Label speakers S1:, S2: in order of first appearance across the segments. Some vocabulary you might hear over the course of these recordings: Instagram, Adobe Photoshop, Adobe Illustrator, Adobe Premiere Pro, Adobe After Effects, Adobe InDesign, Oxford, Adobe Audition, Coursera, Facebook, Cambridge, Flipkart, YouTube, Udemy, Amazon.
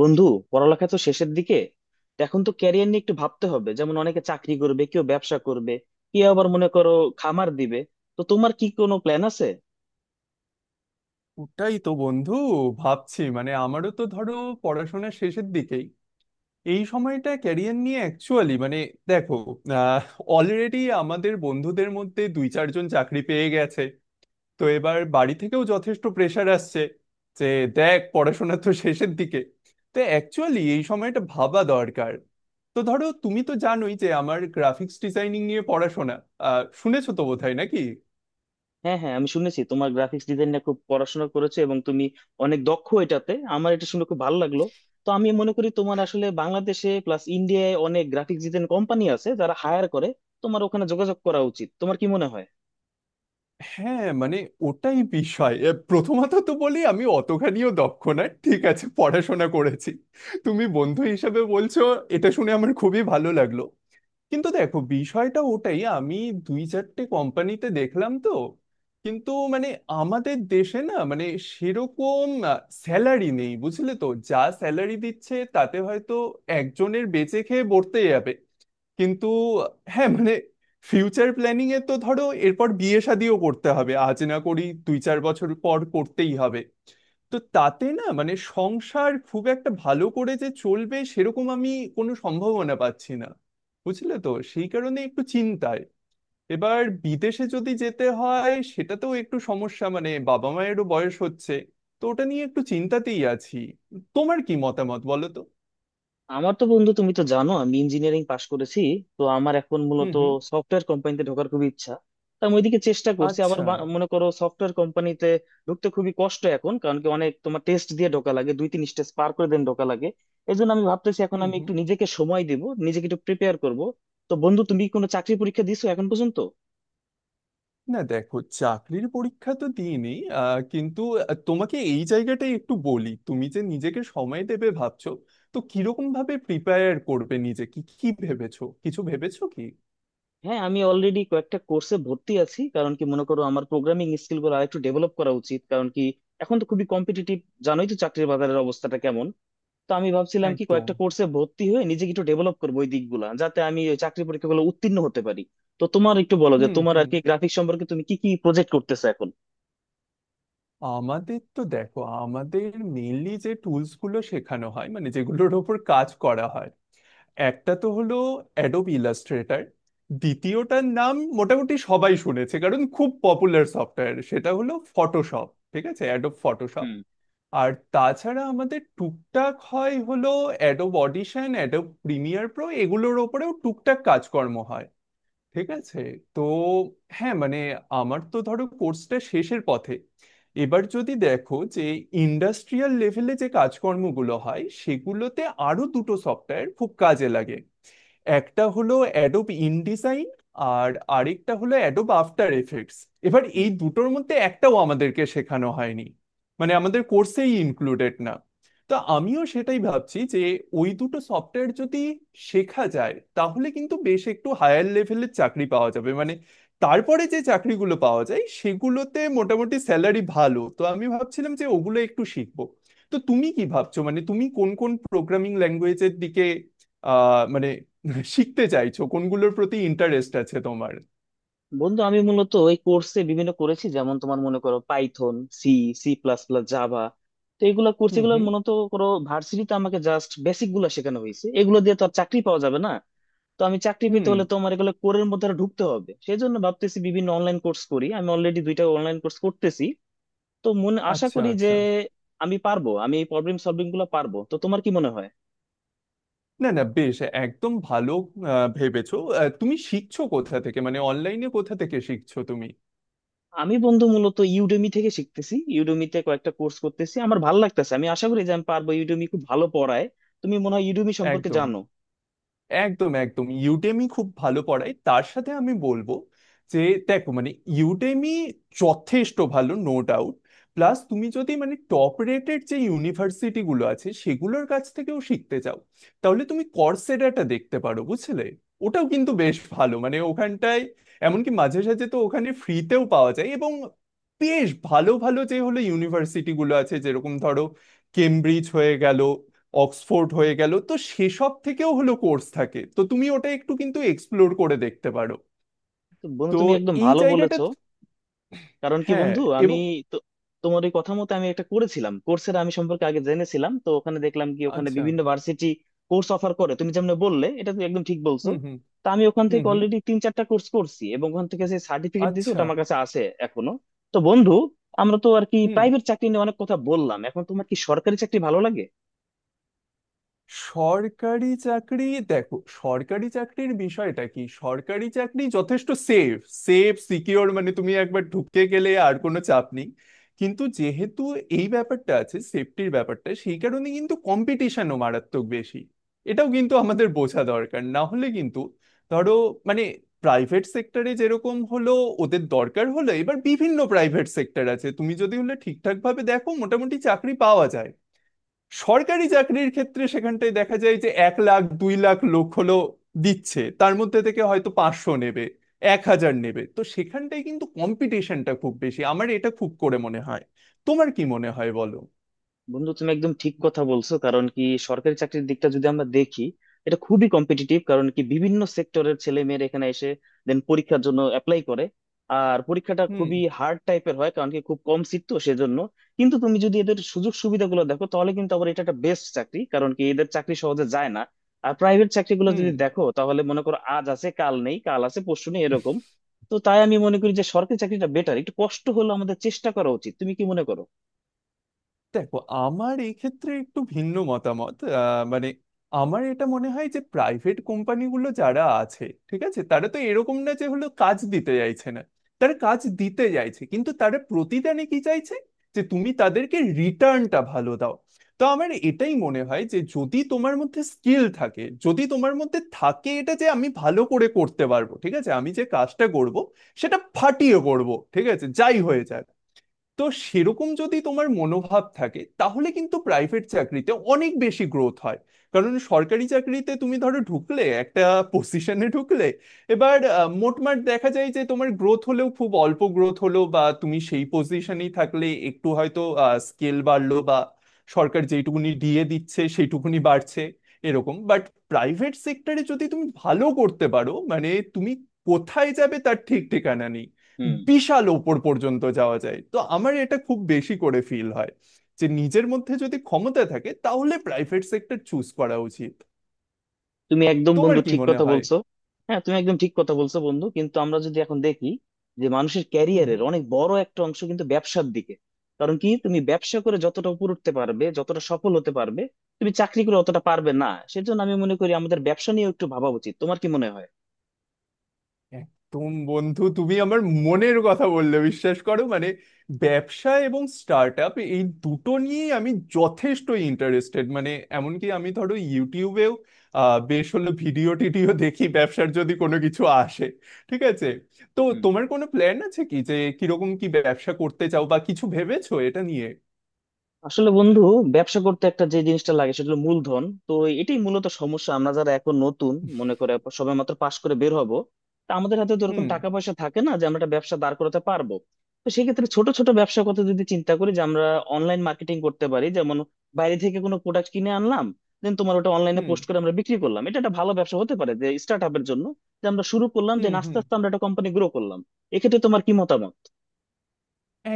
S1: বন্ধু, পড়ালেখা তো শেষের দিকে। তো এখন তো ক্যারিয়ার নিয়ে একটু ভাবতে হবে। যেমন অনেকে চাকরি করবে, কেউ ব্যবসা করবে, কেউ আবার মনে করো খামার দিবে। তো তোমার কি কোনো প্ল্যান আছে?
S2: ওটাই তো বন্ধু, ভাবছি। মানে, আমারও তো ধরো পড়াশোনা শেষের দিকেই। এই সময়টা ক্যারিয়ার নিয়ে অ্যাকচুয়ালি মানে দেখো, অলরেডি আমাদের বন্ধুদের মধ্যে 2-4 জন চাকরি পেয়ে গেছে। তো এবার বাড়ি থেকেও যথেষ্ট প্রেশার আসছে যে দেখ, পড়াশোনা তো শেষের দিকে, তো অ্যাকচুয়ালি এই সময়টা ভাবা দরকার। তো ধরো, তুমি তো জানোই যে আমার গ্রাফিক্স ডিজাইনিং নিয়ে পড়াশোনা। শুনেছো তো বোধহয় নাকি?
S1: হ্যাঁ হ্যাঁ, আমি শুনেছি তোমার গ্রাফিক্স ডিজাইন নিয়ে খুব পড়াশোনা করেছো এবং তুমি অনেক দক্ষ এটাতে। আমার এটা শুনে খুব ভালো লাগলো। তো আমি মনে করি তোমার আসলে, বাংলাদেশে প্লাস ইন্ডিয়ায় অনেক গ্রাফিক্স ডিজাইন কোম্পানি আছে যারা হায়ার করে, তোমার ওখানে যোগাযোগ করা উচিত। তোমার কি মনে হয়?
S2: হ্যাঁ মানে ওটাই বিষয়, প্রথমত তো বলি, আমি অতখানিও দক্ষ না। ঠিক আছে, পড়াশোনা করেছি। তুমি বন্ধু হিসাবে বলছো, এটা শুনে আমার খুবই ভালো লাগলো। কিন্তু দেখো, বিষয়টা ওটাই। আমি 2-4টে কোম্পানিতে দেখলাম তো, কিন্তু মানে আমাদের দেশে না মানে সেরকম স্যালারি নেই। বুঝলে তো, যা স্যালারি দিচ্ছে তাতে হয়তো একজনের বেঁচে খেয়ে বর্তে যাবে। কিন্তু হ্যাঁ মানে, ফিউচার প্ল্যানিং এ তো ধরো এরপর বিয়ে শাদিও করতে হবে। আজ না করি, 2-4 বছর পর করতেই হবে। তো তাতে না মানে সংসার খুব একটা ভালো করে যে চলবে সেরকম আমি কোনো সম্ভাবনা পাচ্ছি না। বুঝলে তো, সেই কারণে একটু চিন্তায়। এবার বিদেশে যদি যেতে হয় সেটাতেও একটু সমস্যা, মানে বাবা মায়েরও বয়স হচ্ছে। তো ওটা নিয়ে একটু চিন্তাতেই আছি। তোমার কি মতামত বলো তো?
S1: আমার তো বন্ধু, তুমি তো জানো আমি ইঞ্জিনিয়ারিং পাশ করেছি। তো আমার এখন
S2: হুম
S1: মূলত
S2: হুম।
S1: সফটওয়্যার কোম্পানিতে ঢোকার খুব ইচ্ছা। তা আমি ওইদিকে চেষ্টা করছি আবার।
S2: আচ্ছা।
S1: মনে করো সফটওয়্যার কোম্পানিতে ঢুকতে খুবই কষ্ট এখন। কারণ কি, অনেক তোমার টেস্ট দিয়ে ঢোকা লাগে, দুই তিন স্টেজ পার করে দেন ঢোকা লাগে। এই জন্য আমি ভাবতেছি এখন
S2: হুম
S1: আমি
S2: হুম।
S1: একটু নিজেকে সময় দিব, নিজেকে একটু প্রিপেয়ার করব। তো বন্ধু, তুমি কোনো চাকরি পরীক্ষা দিছো এখন পর্যন্ত?
S2: না দেখো, চাকরির পরীক্ষা তো দিইনি। কিন্তু তোমাকে এই জায়গাটাই একটু বলি, তুমি যে নিজেকে সময় দেবে ভাবছো, তো কিরকম ভাবে প্রিপেয়ার করবে নিজে? কি কি ভেবেছো, কিছু ভেবেছো কি?
S1: হ্যাঁ, আমি অলরেডি কয়েকটা কোর্সে ভর্তি আছি। কারণ কি, মনে করো আমার প্রোগ্রামিং স্কিল গুলো আরেকটু ডেভেলপ করা উচিত। কারণ কি, এখন তো খুবই কম্পিটিটিভ, জানোই তো চাকরির বাজারের অবস্থাটা কেমন। তো আমি ভাবছিলাম কি, কয়েকটা
S2: একদম।
S1: কোর্সে ভর্তি হয়ে নিজেকে একটু ডেভেলপ করবো ওই দিকগুলা, যাতে আমি ওই চাকরি পরীক্ষাগুলো উত্তীর্ণ হতে পারি। তো তোমার একটু বলো যে,
S2: হুম
S1: তোমার আর
S2: হুম।
S1: কি গ্রাফিক্স সম্পর্কে, তুমি কি কি প্রজেক্ট করতেছো এখন?
S2: আমাদের তো দেখো, আমাদের মেইনলি যে টুলস গুলো শেখানো হয়, মানে যেগুলোর ওপর কাজ করা হয়, একটা তো হলো অ্যাডোব ইলাস্ট্রেটর। দ্বিতীয়টার নাম মোটামুটি সবাই শুনেছে কারণ খুব পপুলার সফটওয়্যার, সেটা হলো ফটোশপ। ঠিক আছে, অ্যাডোব ফটোশপ।
S1: হুম
S2: আর তাছাড়া আমাদের টুকটাক হয় হলো Adobe Audition, Adobe Premiere Pro, এগুলোর ওপরেও টুকটাক কাজকর্ম হয়। ঠিক আছে। তো হ্যাঁ মানে, আমার তো ধরো কোর্সটা শেষের পথে। এবার যদি দেখো যে ইন্ডাস্ট্রিয়াল লেভেলে যে কাজকর্মগুলো হয় সেগুলোতে আরো দুটো সফটওয়্যার খুব কাজে লাগে। একটা হলো অ্যাডোব ইনডিজাইন, আর আরেকটা হলো অ্যাডোব আফটার এফেক্টস। এবার
S1: হুম।
S2: এই দুটোর মধ্যে একটাও আমাদেরকে শেখানো হয়নি, মানে আমাদের কোর্সেই ইনক্লুডেড না। তো আমিও সেটাই ভাবছি যে ওই দুটো সফটওয়্যার যদি শেখা যায় তাহলে কিন্তু বেশ একটু হায়ার লেভেলের চাকরি পাওয়া যাবে। মানে তারপরে যে চাকরিগুলো পাওয়া যায় সেগুলোতে মোটামুটি স্যালারি ভালো, তো আমি ভাবছিলাম যে ওগুলো একটু শিখবো। তো তুমি কি ভাবছো মানে তুমি কোন কোন প্রোগ্রামিং ল্যাঙ্গুয়েজের দিকে মানে শিখতে চাইছো? কোনগুলোর প্রতি ইন্টারেস্ট আছে তোমার?
S1: বন্ধু, আমি মূলত এই কোর্সে বিভিন্ন করেছি, যেমন তোমার মনে করো Python, C, C plus plus, Java. তো এগুলো কোর্স,
S2: হুম
S1: এগুলো
S2: হুম।
S1: মূলত করো ভার্সিটিতে আমাকে জাস্ট বেসিক গুলো শেখানো হয়েছে। এগুলো দিয়ে তো আর চাকরি পাওয়া যাবে না। তো আমি চাকরি পেতে
S2: হুম।
S1: হলে তোমার এগুলো কোরের মধ্যে আরো ঢুকতে হবে। সেই জন্য ভাবতেছি বিভিন্ন অনলাইন কোর্স করি। আমি অলরেডি দুইটা অনলাইন কোর্স করতেছি। তো মনে আশা
S2: আচ্ছা
S1: করি যে
S2: আচ্ছা।
S1: আমি পারবো, আমি এই প্রবলেম সলভিং গুলো পারবো। তো তোমার কি মনে হয়?
S2: না না, বেশ, একদম ভালো। ভেবেছো? তুমি শিখছো কোথা থেকে, মানে অনলাইনে কোথা থেকে শিখছো তুমি?
S1: আমি বন্ধু মূলত ইউডেমি থেকে শিখতেছি। ইউডেমিতে কয়েকটা কোর্স করতেছি, আমার ভালো লাগতেছে। আমি আশা করি যে আমি পারবো। ইউডেমি খুব ভালো পড়ায়, তুমি মনে হয় ইউডেমি সম্পর্কে
S2: একদম,
S1: জানো।
S2: একদম। একদম, ইউডেমি খুব ভালো পড়ায়। তার সাথে আমি বলবো যে দেখো মানে ইউডেমি যথেষ্ট ভালো, নো ডাউট। প্লাস তুমি যদি মানে টপ রেটেড যে ইউনিভার্সিটি গুলো আছে সেগুলোর কাছ থেকেও শিখতে চাও, তাহলে তুমি কর্সেডাটা দেখতে পারো, বুঝলে। ওটাও কিন্তু বেশ ভালো, মানে ওখানটায় এমনকি মাঝে সাঝে তো ওখানে ফ্রিতেও পাওয়া যায়। এবং বেশ ভালো ভালো যে হলো ইউনিভার্সিটি গুলো আছে, যেরকম ধরো কেমব্রিজ হয়ে গেল, অক্সফোর্ড হয়ে গেল, তো সেসব থেকেও হলো কোর্স থাকে। তো তুমি ওটা একটু কিন্তু এক্সপ্লোর করে দেখতে পারো।
S1: তো বন্ধু,
S2: তো
S1: তুমি একদম
S2: এই
S1: ভালো
S2: জায়গাটা।
S1: বলেছো। কারণ কি
S2: হ্যাঁ।
S1: বন্ধু, আমি
S2: এবং।
S1: তো, তোমার ওই কথা মতো আমি একটা করেছিলাম কোর্সের, আমি সম্পর্কে আগে জেনেছিলাম। তো ওখানে দেখলাম কি, ওখানে
S2: আচ্ছা।
S1: বিভিন্ন ভার্সিটি কোর্স অফার করে, তুমি যেমন বললে, এটা তুমি একদম ঠিক বলছো।
S2: হুম হুম।
S1: তা আমি ওখান
S2: হুম
S1: থেকে
S2: হুম।
S1: অলরেডি তিন চারটা কোর্স করছি, এবং ওখান থেকে যে সার্টিফিকেট দিছি
S2: আচ্ছা।
S1: ওটা আমার কাছে আছে এখনো। তো বন্ধু, আমরা তো আর কি
S2: হুম।
S1: প্রাইভেট চাকরি নিয়ে অনেক কথা বললাম, এখন তোমার কি সরকারি চাকরি ভালো লাগে?
S2: সরকারি চাকরি। দেখো, সরকারি চাকরির বিষয়টা কি, সরকারি চাকরি যথেষ্ট সেফ, সেফ সিকিওর। মানে তুমি একবার ঢুকে গেলে আর কোনো চাপ নেই। কিন্তু যেহেতু এই ব্যাপারটা আছে, সেফটির ব্যাপারটা, সেই কারণে কিন্তু কম্পিটিশনও মারাত্মক বেশি। এটাও কিন্তু আমাদের বোঝা দরকার, না হলে কিন্তু ধরো মানে প্রাইভেট সেক্টরে যেরকম হলো ওদের দরকার হলো, এবার বিভিন্ন প্রাইভেট সেক্টর আছে, তুমি যদি হলে ঠিকঠাক ভাবে দেখো মোটামুটি চাকরি পাওয়া যায়। সরকারি চাকরির ক্ষেত্রে সেখানটায় দেখা যায় যে 1-2 লাখ লোক হলো দিচ্ছে, তার মধ্যে থেকে হয়তো 500 নেবে, 1,000 নেবে। তো সেখানটায় কিন্তু কম্পিটিশনটা খুব বেশি, আমার এটা খুব করে মনে হয়। তোমার কি মনে হয় বলো?
S1: বন্ধু, তুমি একদম ঠিক কথা বলছো। কারণ কি, সরকারি চাকরির দিকটা যদি আমরা দেখি, এটা খুবই কম্পিটিটিভ। কারণ কি, বিভিন্ন সেক্টরের ছেলে মেয়েরা এখানে এসে দেন পরীক্ষার জন্য অ্যাপ্লাই করে। আর পরীক্ষাটা
S2: হুম
S1: খুবই হার্ড টাইপের হয়, কারণ কি খুব কম সিট, তো সেজন্য। কিন্তু তুমি যদি এদের সুযোগ সুবিধাগুলো দেখো, তাহলে কিন্তু আবার এটা একটা বেস্ট চাকরি। কারণ কি, এদের চাকরি সহজে যায় না। আর প্রাইভেট চাকরিগুলো
S2: হুম।
S1: যদি দেখো, তাহলে মনে করো আজ আছে কাল নেই, কাল আছে পরশু নেই, এরকম। তো তাই আমি মনে করি যে সরকারি চাকরিটা বেটার, একটু কষ্ট হলেও আমাদের চেষ্টা করা উচিত। তুমি কি মনে করো?
S2: দেখো, আমার এই ক্ষেত্রে একটু ভিন্ন মতামত। মানে আমার এটা মনে হয় যে প্রাইভেট কোম্পানিগুলো যারা আছে, ঠিক আছে, তারা তো এরকম না যে হলো কাজ দিতে চাইছে না, তারা কাজ দিতে চাইছে, কিন্তু তারা প্রতিদানে কি চাইছে, যে তুমি তাদেরকে রিটার্নটা ভালো দাও। তো আমার এটাই মনে হয় যে যদি তোমার মধ্যে স্কিল থাকে, যদি তোমার মধ্যে থাকে এটা যে আমি ভালো করে করতে পারবো, ঠিক আছে, আমি যে কাজটা করব সেটা ফাটিয়ে করব, ঠিক আছে, যাই হয়ে যাক। তো সেরকম যদি তোমার মনোভাব থাকে তাহলে কিন্তু প্রাইভেট চাকরিতে অনেক বেশি গ্রোথ হয়। কারণ সরকারি চাকরিতে তুমি ধরো ঢুকলে একটা পজিশনে ঢুকলে, এবার মোটমাট দেখা যায় যে তোমার গ্রোথ হলেও খুব অল্প গ্রোথ হলো, বা তুমি সেই পজিশনেই থাকলে, একটু হয়তো স্কেল বাড়লো, বা সরকার যেটুকুনি দিয়ে দিচ্ছে সেইটুকুনি বাড়ছে এরকম। বাট প্রাইভেট সেক্টরে যদি তুমি ভালো করতে পারো মানে তুমি কোথায় যাবে তার ঠিক ঠিকানা নেই,
S1: হুম।
S2: বিশাল ওপর পর্যন্ত যাওয়া যায়। তো আমার এটা খুব বেশি করে ফিল হয় যে নিজের মধ্যে যদি ক্ষমতা থাকে তাহলে প্রাইভেট সেক্টর চুজ করা উচিত।
S1: তুমি একদম
S2: তোমার
S1: বন্ধু
S2: কি
S1: ঠিক
S2: মনে
S1: কথা
S2: হয়?
S1: বলছো। হ্যাঁ, তুমি একদম ঠিক কথা বলছো বন্ধু। কিন্তু আমরা যদি এখন দেখি যে, মানুষের
S2: হুম,
S1: ক্যারিয়ারের
S2: হুম।
S1: অনেক বড় একটা অংশ কিন্তু ব্যবসার দিকে। কারণ কি, তুমি ব্যবসা করে যতটা উপর উঠতে পারবে, যতটা সফল হতে পারবে, তুমি চাকরি করে অতটা পারবে না। সেজন্য আমি মনে করি আমাদের ব্যবসা নিয়ে একটু ভাবা উচিত। তোমার কি মনে হয়?
S2: একদম বন্ধু, তুমি আমার মনের কথা বললে, বিশ্বাস করো। মানে ব্যবসা এবং স্টার্ট আপ, এই দুটো নিয়েই আমি যথেষ্ট ইন্টারেস্টেড। মানে এমনকি আমি ধরো ইউটিউবেও বেশ হলো ভিডিও টিডিও দেখি, ব্যবসার যদি কোনো কিছু আসে। ঠিক আছে। তো
S1: হুম।
S2: তোমার কোনো প্ল্যান আছে কি যে কিরকম কি ব্যবসা করতে চাও, বা কিছু ভেবেছো এটা নিয়ে?
S1: আসলে বন্ধু, ব্যবসা করতে একটা যে জিনিসটা লাগে সেটা হলো মূলধন। তো এটাই মূলত সমস্যা, আমরা যারা এখন নতুন, মনে করে সবেমাত্র পাশ করে বের হব, তা আমাদের হাতে তো এরকম
S2: হুম
S1: টাকা পয়সা থাকে না যে আমরা একটা ব্যবসা দাঁড় করাতে পারবো। তো সেক্ষেত্রে ছোট ছোট ব্যবসার কথা যদি চিন্তা করি, যে আমরা অনলাইন মার্কেটিং করতে পারি। যেমন বাইরে থেকে কোনো প্রোডাক্ট কিনে আনলাম, দেন তোমার ওটা অনলাইনে
S2: হুম।
S1: পোস্ট করে আমরা বিক্রি করলাম, এটা একটা ভালো ব্যবসা হতে পারে যে স্টার্ট আপের জন্য। যে আমরা শুরু করলাম, যে
S2: হুম
S1: আস্তে
S2: হুম।
S1: আস্তে আমরা একটা কোম্পানি গ্রো করলাম। এক্ষেত্রে তোমার কি মতামত?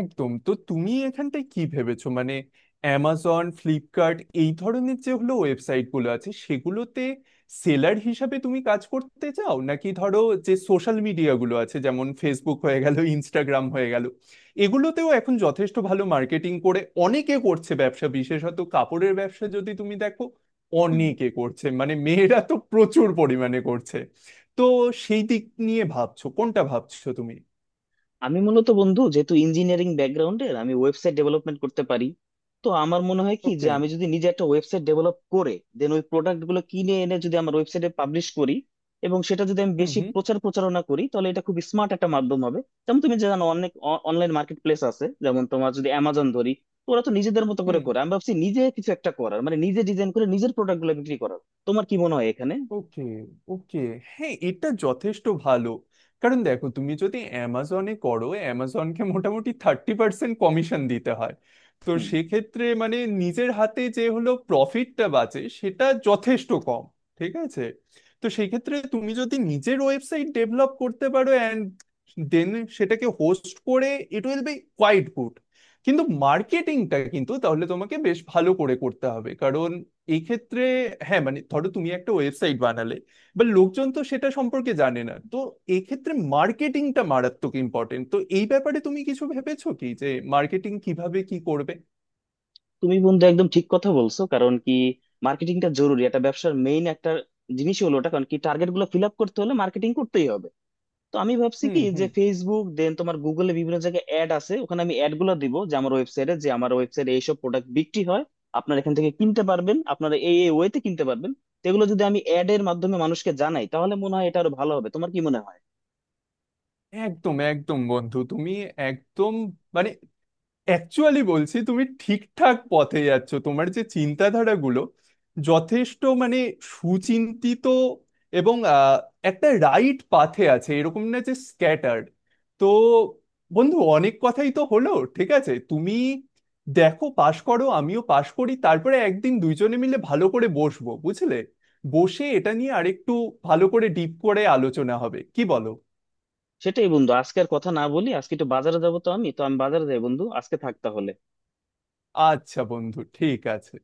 S2: একদম। তো তুমি এখানটায় কি ভেবেছো, মানে অ্যামাজন, ফ্লিপকার্ট, এই ধরনের যে হলো ওয়েবসাইট গুলো আছে সেগুলোতে সেলার হিসাবে তুমি কাজ করতে চাও, নাকি ধরো যে সোশ্যাল মিডিয়া গুলো আছে, যেমন ফেসবুক হয়ে গেল, ইনস্টাগ্রাম হয়ে গেল, এগুলোতেও এখন যথেষ্ট ভালো মার্কেটিং করে অনেকে, করছে ব্যবসা। বিশেষত কাপড়ের ব্যবসা যদি তুমি দেখো,
S1: হুম।
S2: অনেকে করছে মানে মেয়েরা তো প্রচুর পরিমাণে করছে। তো সেই দিক নিয়ে ভাবছো? কোনটা ভাবছো তুমি?
S1: আমি মূলত বন্ধু, যেহেতু ইঞ্জিনিয়ারিং ব্যাকগ্রাউন্ডের, আমি ওয়েবসাইট ডেভেলপমেন্ট করতে পারি। তো আমার মনে হয় কি যে,
S2: ওকে।
S1: আমি যদি নিজে একটা ওয়েবসাইট ডেভেলপ করে দেন ওই প্রোডাক্ট গুলো কিনে এনে যদি আমার ওয়েবসাইটে পাবলিশ করি, এবং সেটা যদি আমি
S2: হুম
S1: বেশি
S2: হুম।
S1: প্রচার প্রচারণা করি, তাহলে এটা খুব স্মার্ট একটা মাধ্যম হবে। যেমন তুমি জানো অনেক অনলাইন মার্কেট প্লেস আছে, যেমন তোমার যদি অ্যামাজন ধরি, তো ওরা তো নিজেদের মতো করে
S2: হুম।
S1: করে। আমি ভাবছি নিজে কিছু একটা করার, মানে নিজে ডিজাইন করে নিজের প্রোডাক্ট গুলো বিক্রি করার। তোমার কি মনে হয় এখানে?
S2: ওকে, ওকে। হ্যাঁ, এটা যথেষ্ট ভালো। কারণ দেখো, তুমি যদি অ্যামাজনে করো, অ্যামাজনকে মোটামুটি 30% কমিশন দিতে হয়। তো
S1: হুম।
S2: সেক্ষেত্রে মানে নিজের হাতে যে হলো প্রফিটটা বাঁচে সেটা যথেষ্ট কম। ঠিক আছে। তো সেক্ষেত্রে তুমি যদি নিজের ওয়েবসাইট ডেভেলপ করতে পারো অ্যান্ড দেন সেটাকে হোস্ট করে, it will be quite good. কিন্তু মার্কেটিংটা কিন্তু তাহলে তোমাকে বেশ ভালো করে করতে হবে এই ক্ষেত্রে। হ্যাঁ মানে ধরো তুমি একটা ওয়েবসাইট বানালে, বা লোকজন তো সেটা সম্পর্কে জানে না। তো এই ক্ষেত্রে মার্কেটিংটা মারাত্মক ইম্পর্টেন্ট। তো এই ব্যাপারে তুমি কিছু ভেবেছো কি যে মার্কেটিং কিভাবে কি করবে?
S1: তুমি বন্ধু একদম ঠিক কথা বলছো। কারণ কি, মার্কেটিংটা জরুরি, এটা ব্যবসার মেইন একটা জিনিসই হলো ওটা। কারণ কি, টার্গেট গুলো ফিল আপ করতে হলে মার্কেটিং করতেই হবে। তো আমি ভাবছি
S2: হুম
S1: কি যে,
S2: হুম।
S1: ফেসবুক দেন তোমার গুগলে বিভিন্ন জায়গায় অ্যাড আছে, ওখানে আমি অ্যাড গুলো দিব যে, আমার ওয়েবসাইটে, যে আমার ওয়েবসাইটে এইসব প্রোডাক্ট বিক্রি হয়, আপনারা এখান থেকে কিনতে পারবেন, আপনারা এই এই ওয়েতে কিনতে পারবেন। তো এগুলো যদি আমি অ্যাড এর মাধ্যমে মানুষকে জানাই, তাহলে মনে হয় এটা আরো ভালো হবে। তোমার কি মনে হয়?
S2: একদম একদম বন্ধু, তুমি একদম মানে অ্যাকচুয়ালি বলছি, তুমি ঠিকঠাক পথে যাচ্ছ। তোমার যে চিন্তাধারাগুলো, যথেষ্ট মানে সুচিন্তিত এবং একটা রাইট পাথে আছে, এরকম না যে স্ক্যাটার্ড। তো বন্ধু, অনেক কথাই তো হলো। ঠিক আছে তুমি দেখো, পাশ করো, আমিও পাশ করি, তারপরে একদিন দুইজনে মিলে ভালো করে বসবো, বুঝলে। বসে এটা নিয়ে আরেকটু ভালো করে ডিপ করে আলোচনা হবে, কি বলো?
S1: সেটাই বন্ধু, আজকে আর কথা না বলি। আজকে একটু বাজারে যাবো, তো আমি, তো আমি বাজারে যাই বন্ধু, আজকে থাক তাহলে।
S2: আচ্ছা বন্ধু, ঠিক আছে।